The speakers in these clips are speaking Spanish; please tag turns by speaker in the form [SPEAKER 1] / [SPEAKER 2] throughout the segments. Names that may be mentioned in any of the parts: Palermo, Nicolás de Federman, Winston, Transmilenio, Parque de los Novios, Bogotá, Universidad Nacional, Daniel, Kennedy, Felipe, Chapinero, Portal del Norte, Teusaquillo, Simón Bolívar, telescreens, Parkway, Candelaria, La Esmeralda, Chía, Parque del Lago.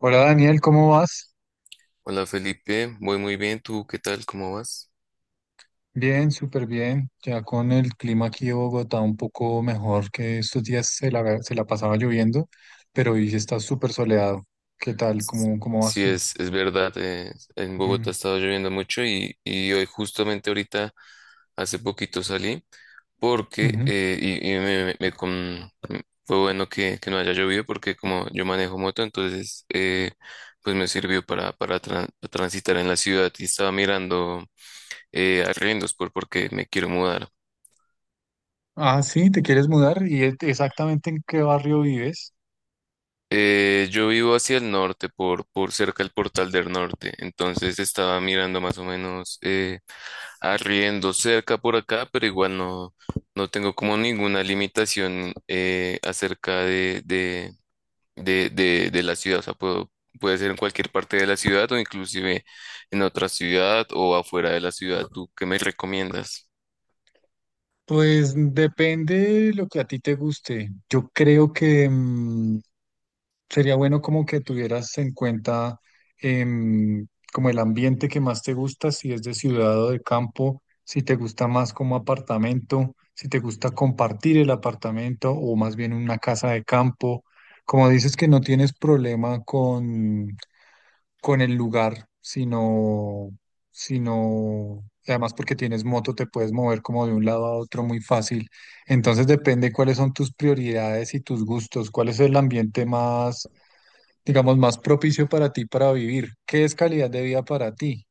[SPEAKER 1] Hola Daniel, ¿cómo vas?
[SPEAKER 2] Hola Felipe, voy muy bien, ¿tú qué tal? ¿Cómo vas?
[SPEAKER 1] Bien, súper bien. Ya con el clima aquí de Bogotá un poco mejor que estos días se la pasaba lloviendo, pero hoy sí está súper soleado. ¿Qué tal? ¿Cómo vas
[SPEAKER 2] Sí,
[SPEAKER 1] tú?
[SPEAKER 2] es verdad, en Bogotá ha
[SPEAKER 1] Mm,
[SPEAKER 2] estado lloviendo mucho y hoy justamente ahorita hace poquito salí porque
[SPEAKER 1] ujú.
[SPEAKER 2] fue bueno que no haya llovido porque como yo manejo moto, entonces pues me sirvió para transitar en la ciudad y estaba mirando arriendos porque me quiero mudar.
[SPEAKER 1] Ah, sí, ¿te quieres mudar? ¿Y exactamente en qué barrio vives?
[SPEAKER 2] Yo vivo hacia el norte, por cerca del Portal del Norte, entonces estaba mirando más o menos arriendo cerca por acá, pero igual no, no tengo como ninguna limitación acerca de la ciudad, o sea, puedo, puede ser en cualquier parte de la ciudad o inclusive en otra ciudad o afuera de la ciudad. ¿Tú qué me recomiendas?
[SPEAKER 1] Pues depende de lo que a ti te guste. Yo creo que sería bueno como que tuvieras en cuenta em, como el ambiente que más te gusta, si es de ciudad o de campo, si te gusta más como apartamento, si te gusta compartir el apartamento o más bien una casa de campo. Como dices que no tienes problema con, con el lugar, sino, además porque tienes moto, te puedes mover como de un lado a otro muy fácil. Entonces depende cuáles son tus prioridades y tus gustos, cuál es el ambiente más, digamos, más propicio para ti para vivir. ¿Qué es calidad de vida para ti?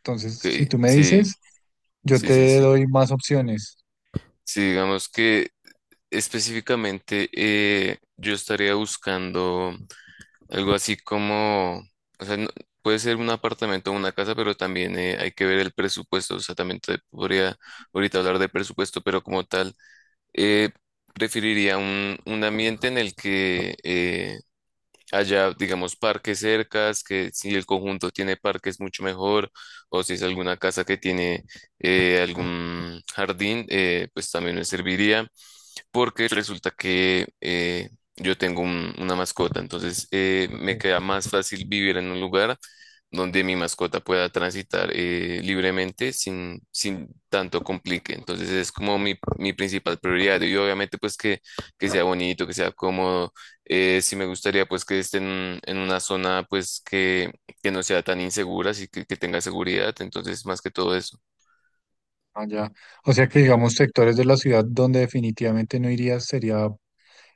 [SPEAKER 1] Entonces,
[SPEAKER 2] Ok,
[SPEAKER 1] si tú me
[SPEAKER 2] sí,
[SPEAKER 1] dices, yo
[SPEAKER 2] sí, sí,
[SPEAKER 1] te
[SPEAKER 2] sí.
[SPEAKER 1] doy más opciones.
[SPEAKER 2] Sí, digamos que específicamente yo estaría buscando... Algo así como, o sea, puede ser un apartamento o una casa, pero también hay que ver el presupuesto. O sea, también te podría ahorita hablar de presupuesto, pero como tal, eh, preferiría un ambiente en el que haya, digamos, parques cercas, que si el conjunto tiene parques mucho mejor, o si es alguna casa que tiene algún jardín, pues también me serviría porque resulta que yo tengo una mascota, entonces me
[SPEAKER 1] eh,
[SPEAKER 2] queda más fácil vivir en un lugar donde mi mascota pueda transitar libremente sin, sin tanto complique. Entonces es como mi principal prioridad y obviamente pues que sea bonito, que sea cómodo. Sí me gustaría pues que esté en una zona pues que no sea tan insegura, así que tenga seguridad. Entonces más que todo eso.
[SPEAKER 1] Allá. O sea que, digamos, sectores de la ciudad donde definitivamente no irías sería,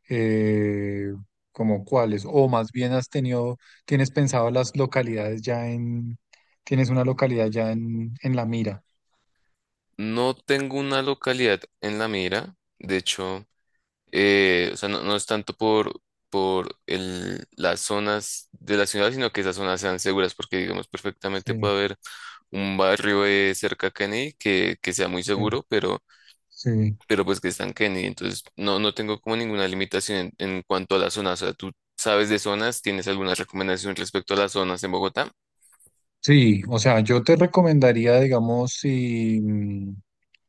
[SPEAKER 1] eh, como cuáles, o más bien has tienes pensado las localidades ya tienes una localidad ya en la mira.
[SPEAKER 2] No tengo una localidad en la mira. De hecho, o sea, no, no es tanto por, las zonas de la ciudad, sino que esas zonas sean seguras, porque digamos perfectamente
[SPEAKER 1] Sí,
[SPEAKER 2] puede haber un barrio cerca a Kennedy que sea muy
[SPEAKER 1] sí,
[SPEAKER 2] seguro,
[SPEAKER 1] sí.
[SPEAKER 2] pero pues que está en Kennedy. Entonces, no, no tengo como ninguna limitación en cuanto a las zonas. O sea, ¿tú sabes de zonas? ¿Tienes alguna recomendación respecto a las zonas en Bogotá?
[SPEAKER 1] Sí, o sea, yo te recomendaría, digamos, si,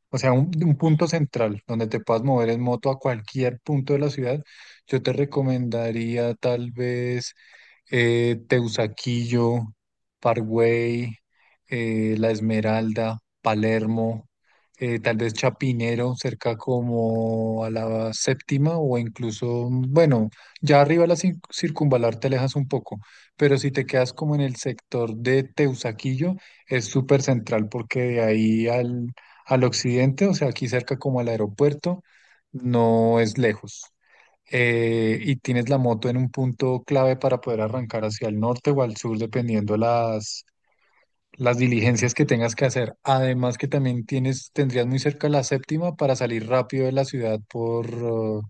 [SPEAKER 1] o sea, un punto central donde te puedas mover en moto a cualquier punto de la ciudad. Yo te recomendaría tal vez Teusaquillo, Parkway, La Esmeralda, Palermo, tal vez Chapinero, cerca como a la séptima o incluso, bueno, ya arriba de la circunvalar te alejas un poco, pero si te quedas como en el sector de Teusaquillo, es súper central porque de ahí al, al occidente, o sea, aquí cerca como al aeropuerto, no es lejos. Y tienes la moto en un punto clave para poder arrancar hacia el norte o al sur, dependiendo las diligencias que tengas que hacer. Además que también tendrías muy cerca la séptima para salir rápido de la ciudad por,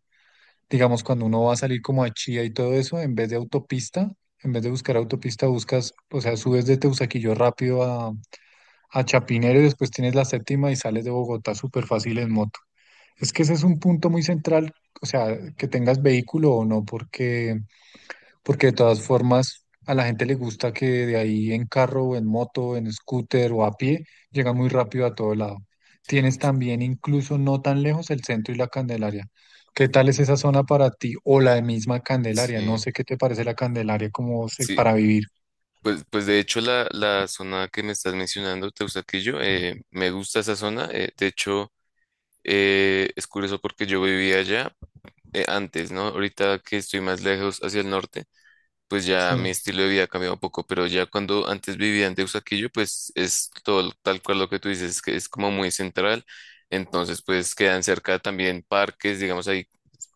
[SPEAKER 1] digamos, cuando uno va a salir como a Chía y todo eso, en vez de autopista, en vez de buscar autopista, buscas, o sea, subes de Teusaquillo rápido a Chapinero y después tienes la séptima y sales de Bogotá súper fácil en moto. Es que ese es un punto muy central, o sea, que tengas vehículo o no, porque porque de todas formas, a la gente le gusta que de ahí en carro o en moto, en scooter o a pie, llega muy rápido a todo lado. Tienes también, incluso no tan lejos, el centro y la Candelaria. ¿Qué tal es esa zona para ti o la misma Candelaria? No
[SPEAKER 2] Sí,
[SPEAKER 1] sé qué te parece la Candelaria como
[SPEAKER 2] sí.
[SPEAKER 1] para vivir.
[SPEAKER 2] Pues, pues de hecho la, la zona que me estás mencionando, Teusaquillo, me gusta esa zona. De hecho, es curioso porque yo vivía allá antes, ¿no? Ahorita que estoy más lejos hacia el norte pues ya mi
[SPEAKER 1] Sí.
[SPEAKER 2] estilo de vida ha cambiado un poco, pero ya cuando antes vivía en Deusaquillo, pues es todo tal cual lo que tú dices, que es como muy central, entonces pues quedan cerca también parques, digamos ahí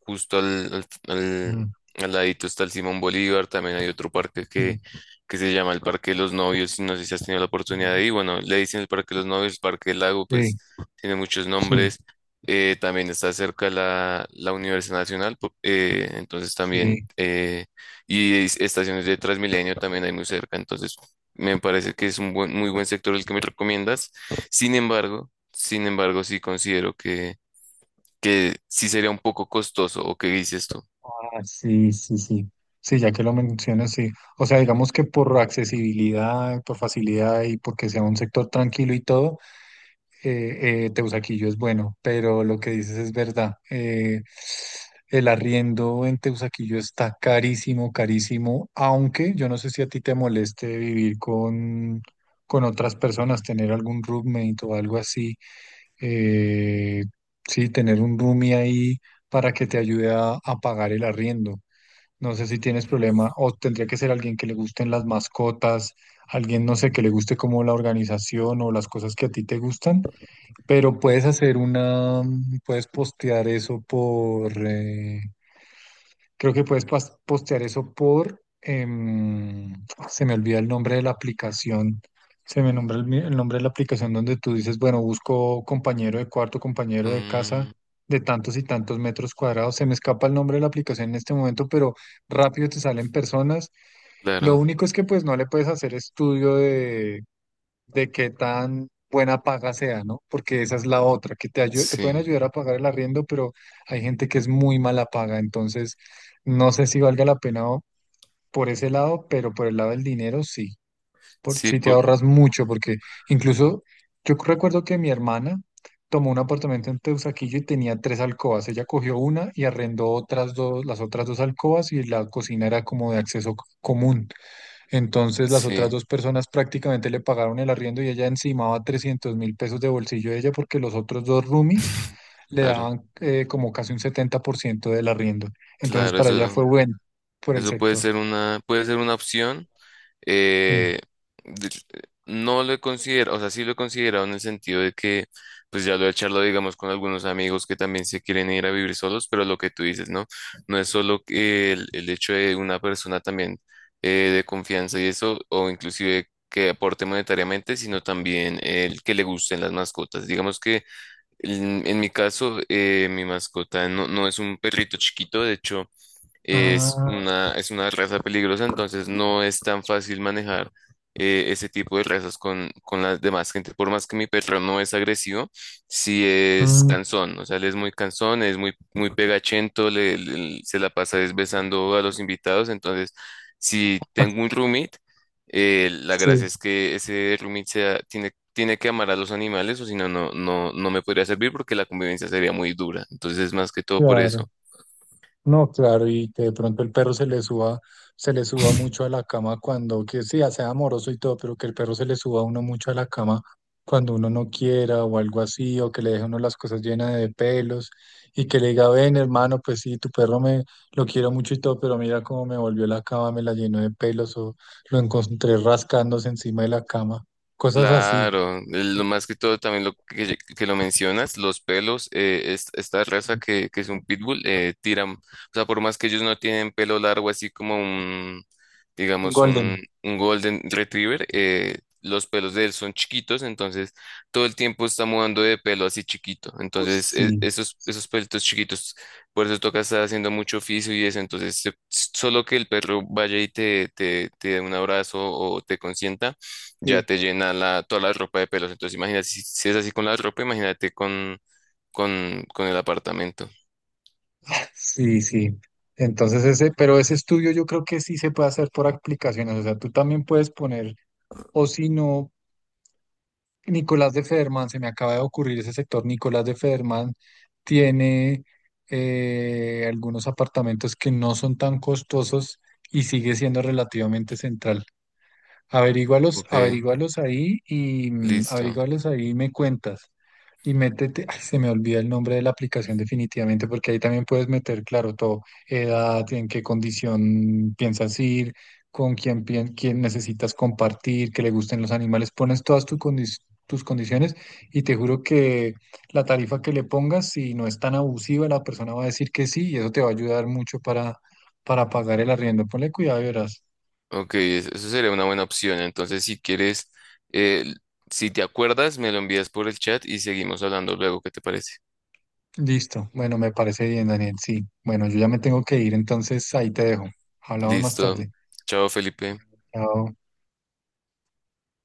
[SPEAKER 2] justo
[SPEAKER 1] Mm,
[SPEAKER 2] al ladito está el Simón Bolívar, también hay otro parque
[SPEAKER 1] mm,
[SPEAKER 2] que se llama el Parque de los Novios, y no sé si has tenido la oportunidad
[SPEAKER 1] mm.
[SPEAKER 2] de ir, bueno, le dicen el Parque de los Novios, el Parque del Lago, pues
[SPEAKER 1] Sí,
[SPEAKER 2] tiene muchos
[SPEAKER 1] sí,
[SPEAKER 2] nombres. También está cerca la, la Universidad Nacional, entonces también
[SPEAKER 1] sí.
[SPEAKER 2] estaciones de Transmilenio también hay muy cerca, entonces me parece que es muy buen sector el que me recomiendas. Sin embargo, sin embargo, sí considero que sí sería un poco costoso, ¿o qué dices tú?
[SPEAKER 1] Ah, sí, sí, sí. Sí, ya que lo mencionas, sí. O sea, digamos que por accesibilidad, por facilidad y porque sea un sector tranquilo y todo. Teusaquillo es bueno, pero lo que dices es verdad. El arriendo en Teusaquillo está carísimo, carísimo, aunque yo no sé si a ti te moleste vivir con otras personas, tener algún roommate o algo así. eh, sí, tener un roomie ahí para que te ayude a pagar el arriendo. No sé si tienes problema o tendría que ser alguien que le gusten las mascotas, alguien, no sé, que le guste como la organización o las cosas que a ti te gustan. Pero puedes hacer una, puedes postear eso por, creo que puedes postear eso por, se me olvida el nombre de la aplicación, se me nombra el, el nombre de la aplicación donde tú dices, bueno, busco compañero de cuarto, compañero de casa
[SPEAKER 2] Mm,
[SPEAKER 1] de tantos y tantos metros cuadrados, se me escapa el nombre de la aplicación en este momento, pero rápido te salen personas. Lo
[SPEAKER 2] claro,
[SPEAKER 1] único es que pues no le puedes hacer estudio de qué tan buena paga sea, ¿no? Porque esa es la otra, que te te pueden
[SPEAKER 2] sí,
[SPEAKER 1] ayudar a pagar el arriendo, pero hay gente que es muy mala paga, entonces no sé si valga la pena o- por ese lado, pero por el lado del dinero sí, por,
[SPEAKER 2] sí,
[SPEAKER 1] sí te
[SPEAKER 2] por,
[SPEAKER 1] ahorras mucho, porque incluso yo recuerdo que mi hermana tomó un apartamento en Teusaquillo y tenía tres alcobas, ella cogió una y arrendó otras dos, las otras dos alcobas y la cocina era como de acceso común. Entonces las otras
[SPEAKER 2] sí,
[SPEAKER 1] dos personas prácticamente le pagaron el arriendo y ella encimaba 300.000 pesos de bolsillo de ella porque los otros dos roomies le
[SPEAKER 2] claro,
[SPEAKER 1] daban como casi un 70% del arriendo. Entonces
[SPEAKER 2] claro,
[SPEAKER 1] para ella fue
[SPEAKER 2] eso,
[SPEAKER 1] bueno por el
[SPEAKER 2] eso
[SPEAKER 1] sector.
[SPEAKER 2] puede ser una opción.
[SPEAKER 1] Sí.
[SPEAKER 2] eh, de- no lo he considerado, o sea, sí lo he considerado en el sentido de que, pues ya lo he charlado, digamos, con algunos amigos que también se quieren ir a vivir solos, pero lo que tú dices, ¿no? No es solo que el hecho de una persona también de confianza y eso, o inclusive que aporte monetariamente, sino también el que le gusten las mascotas. Digamos que en mi caso, mi mascota no, no es un perrito chiquito, de hecho
[SPEAKER 1] Ah,
[SPEAKER 2] es una raza peligrosa, entonces no es tan fácil manejar ese tipo de razas con las demás gente. Por más que mi perro no es agresivo, sí es
[SPEAKER 1] mm,
[SPEAKER 2] cansón, o sea, él es muy cansón, es muy, muy pegachento, se la pasa desbesando a los invitados, entonces si tengo un roommate, la gracia
[SPEAKER 1] sí,
[SPEAKER 2] es que ese roommate tiene, tiene que amar a los animales, o si no, no, no, no me podría servir porque la convivencia sería muy dura. Entonces, más que todo por
[SPEAKER 1] claro.
[SPEAKER 2] eso.
[SPEAKER 1] No, claro, y que de pronto el perro se le suba mucho a la cama cuando, que sí, sea amoroso y todo, pero que el perro se le suba a uno mucho a la cama cuando uno no quiera o algo así, o que le deje a uno las cosas llenas de pelos y que le diga, ven hermano, pues sí, tu perro me lo quiero mucho y todo, pero mira cómo me volvió la cama, me la llenó de pelos o lo encontré rascándose encima de la cama, cosas así.
[SPEAKER 2] Claro, lo
[SPEAKER 1] Sí.
[SPEAKER 2] más que todo también lo que lo mencionas, los pelos, esta raza que es un pitbull, tiran, o sea, por más que ellos no tienen pelo largo, así como un,
[SPEAKER 1] Un
[SPEAKER 2] digamos,
[SPEAKER 1] Golden.
[SPEAKER 2] un golden retriever, los pelos de él son chiquitos, entonces todo el tiempo está mudando de pelo así chiquito, entonces
[SPEAKER 1] Uy,
[SPEAKER 2] esos, esos pelitos chiquitos, por eso toca estar haciendo mucho oficio y eso, entonces solo que el perro vaya y te dé un abrazo o te consienta ya
[SPEAKER 1] sí.
[SPEAKER 2] te llena la, toda la ropa de pelos. Entonces, imagínate, si, si es así con la ropa, imagínate con el apartamento.
[SPEAKER 1] Sí, sí. Entonces ese, pero ese estudio yo creo que sí se puede hacer por aplicaciones. O sea, tú también puedes poner, o si no, Nicolás de Federman, se me acaba de ocurrir ese sector. Nicolás de Federman tiene algunos apartamentos que no son tan costosos y sigue siendo relativamente central. Averígualos,
[SPEAKER 2] Ok,
[SPEAKER 1] averígualos ahí y
[SPEAKER 2] listo.
[SPEAKER 1] averígualos ahí y me cuentas. Y métete, ay, se me olvida el nombre de la aplicación definitivamente, porque ahí también puedes meter, claro, todo, edad, en qué condición piensas ir, con quién, quién necesitas compartir, que le gusten los animales, pones todas tu tus condiciones y te juro que la tarifa que le pongas, si no es tan abusiva, la persona va a decir que sí y eso te va a ayudar mucho para pagar el arriendo. Ponle cuidado y verás.
[SPEAKER 2] Ok, eso sería una buena opción. Entonces, si quieres, eh, si te acuerdas, me lo envías por el chat y seguimos hablando luego. ¿Qué te parece?
[SPEAKER 1] Listo. Bueno, me parece bien, Daniel. Sí. Bueno, yo ya me tengo que ir, entonces ahí te dejo. Hablamos más
[SPEAKER 2] Listo.
[SPEAKER 1] tarde.
[SPEAKER 2] Chao, Felipe.
[SPEAKER 1] Chao.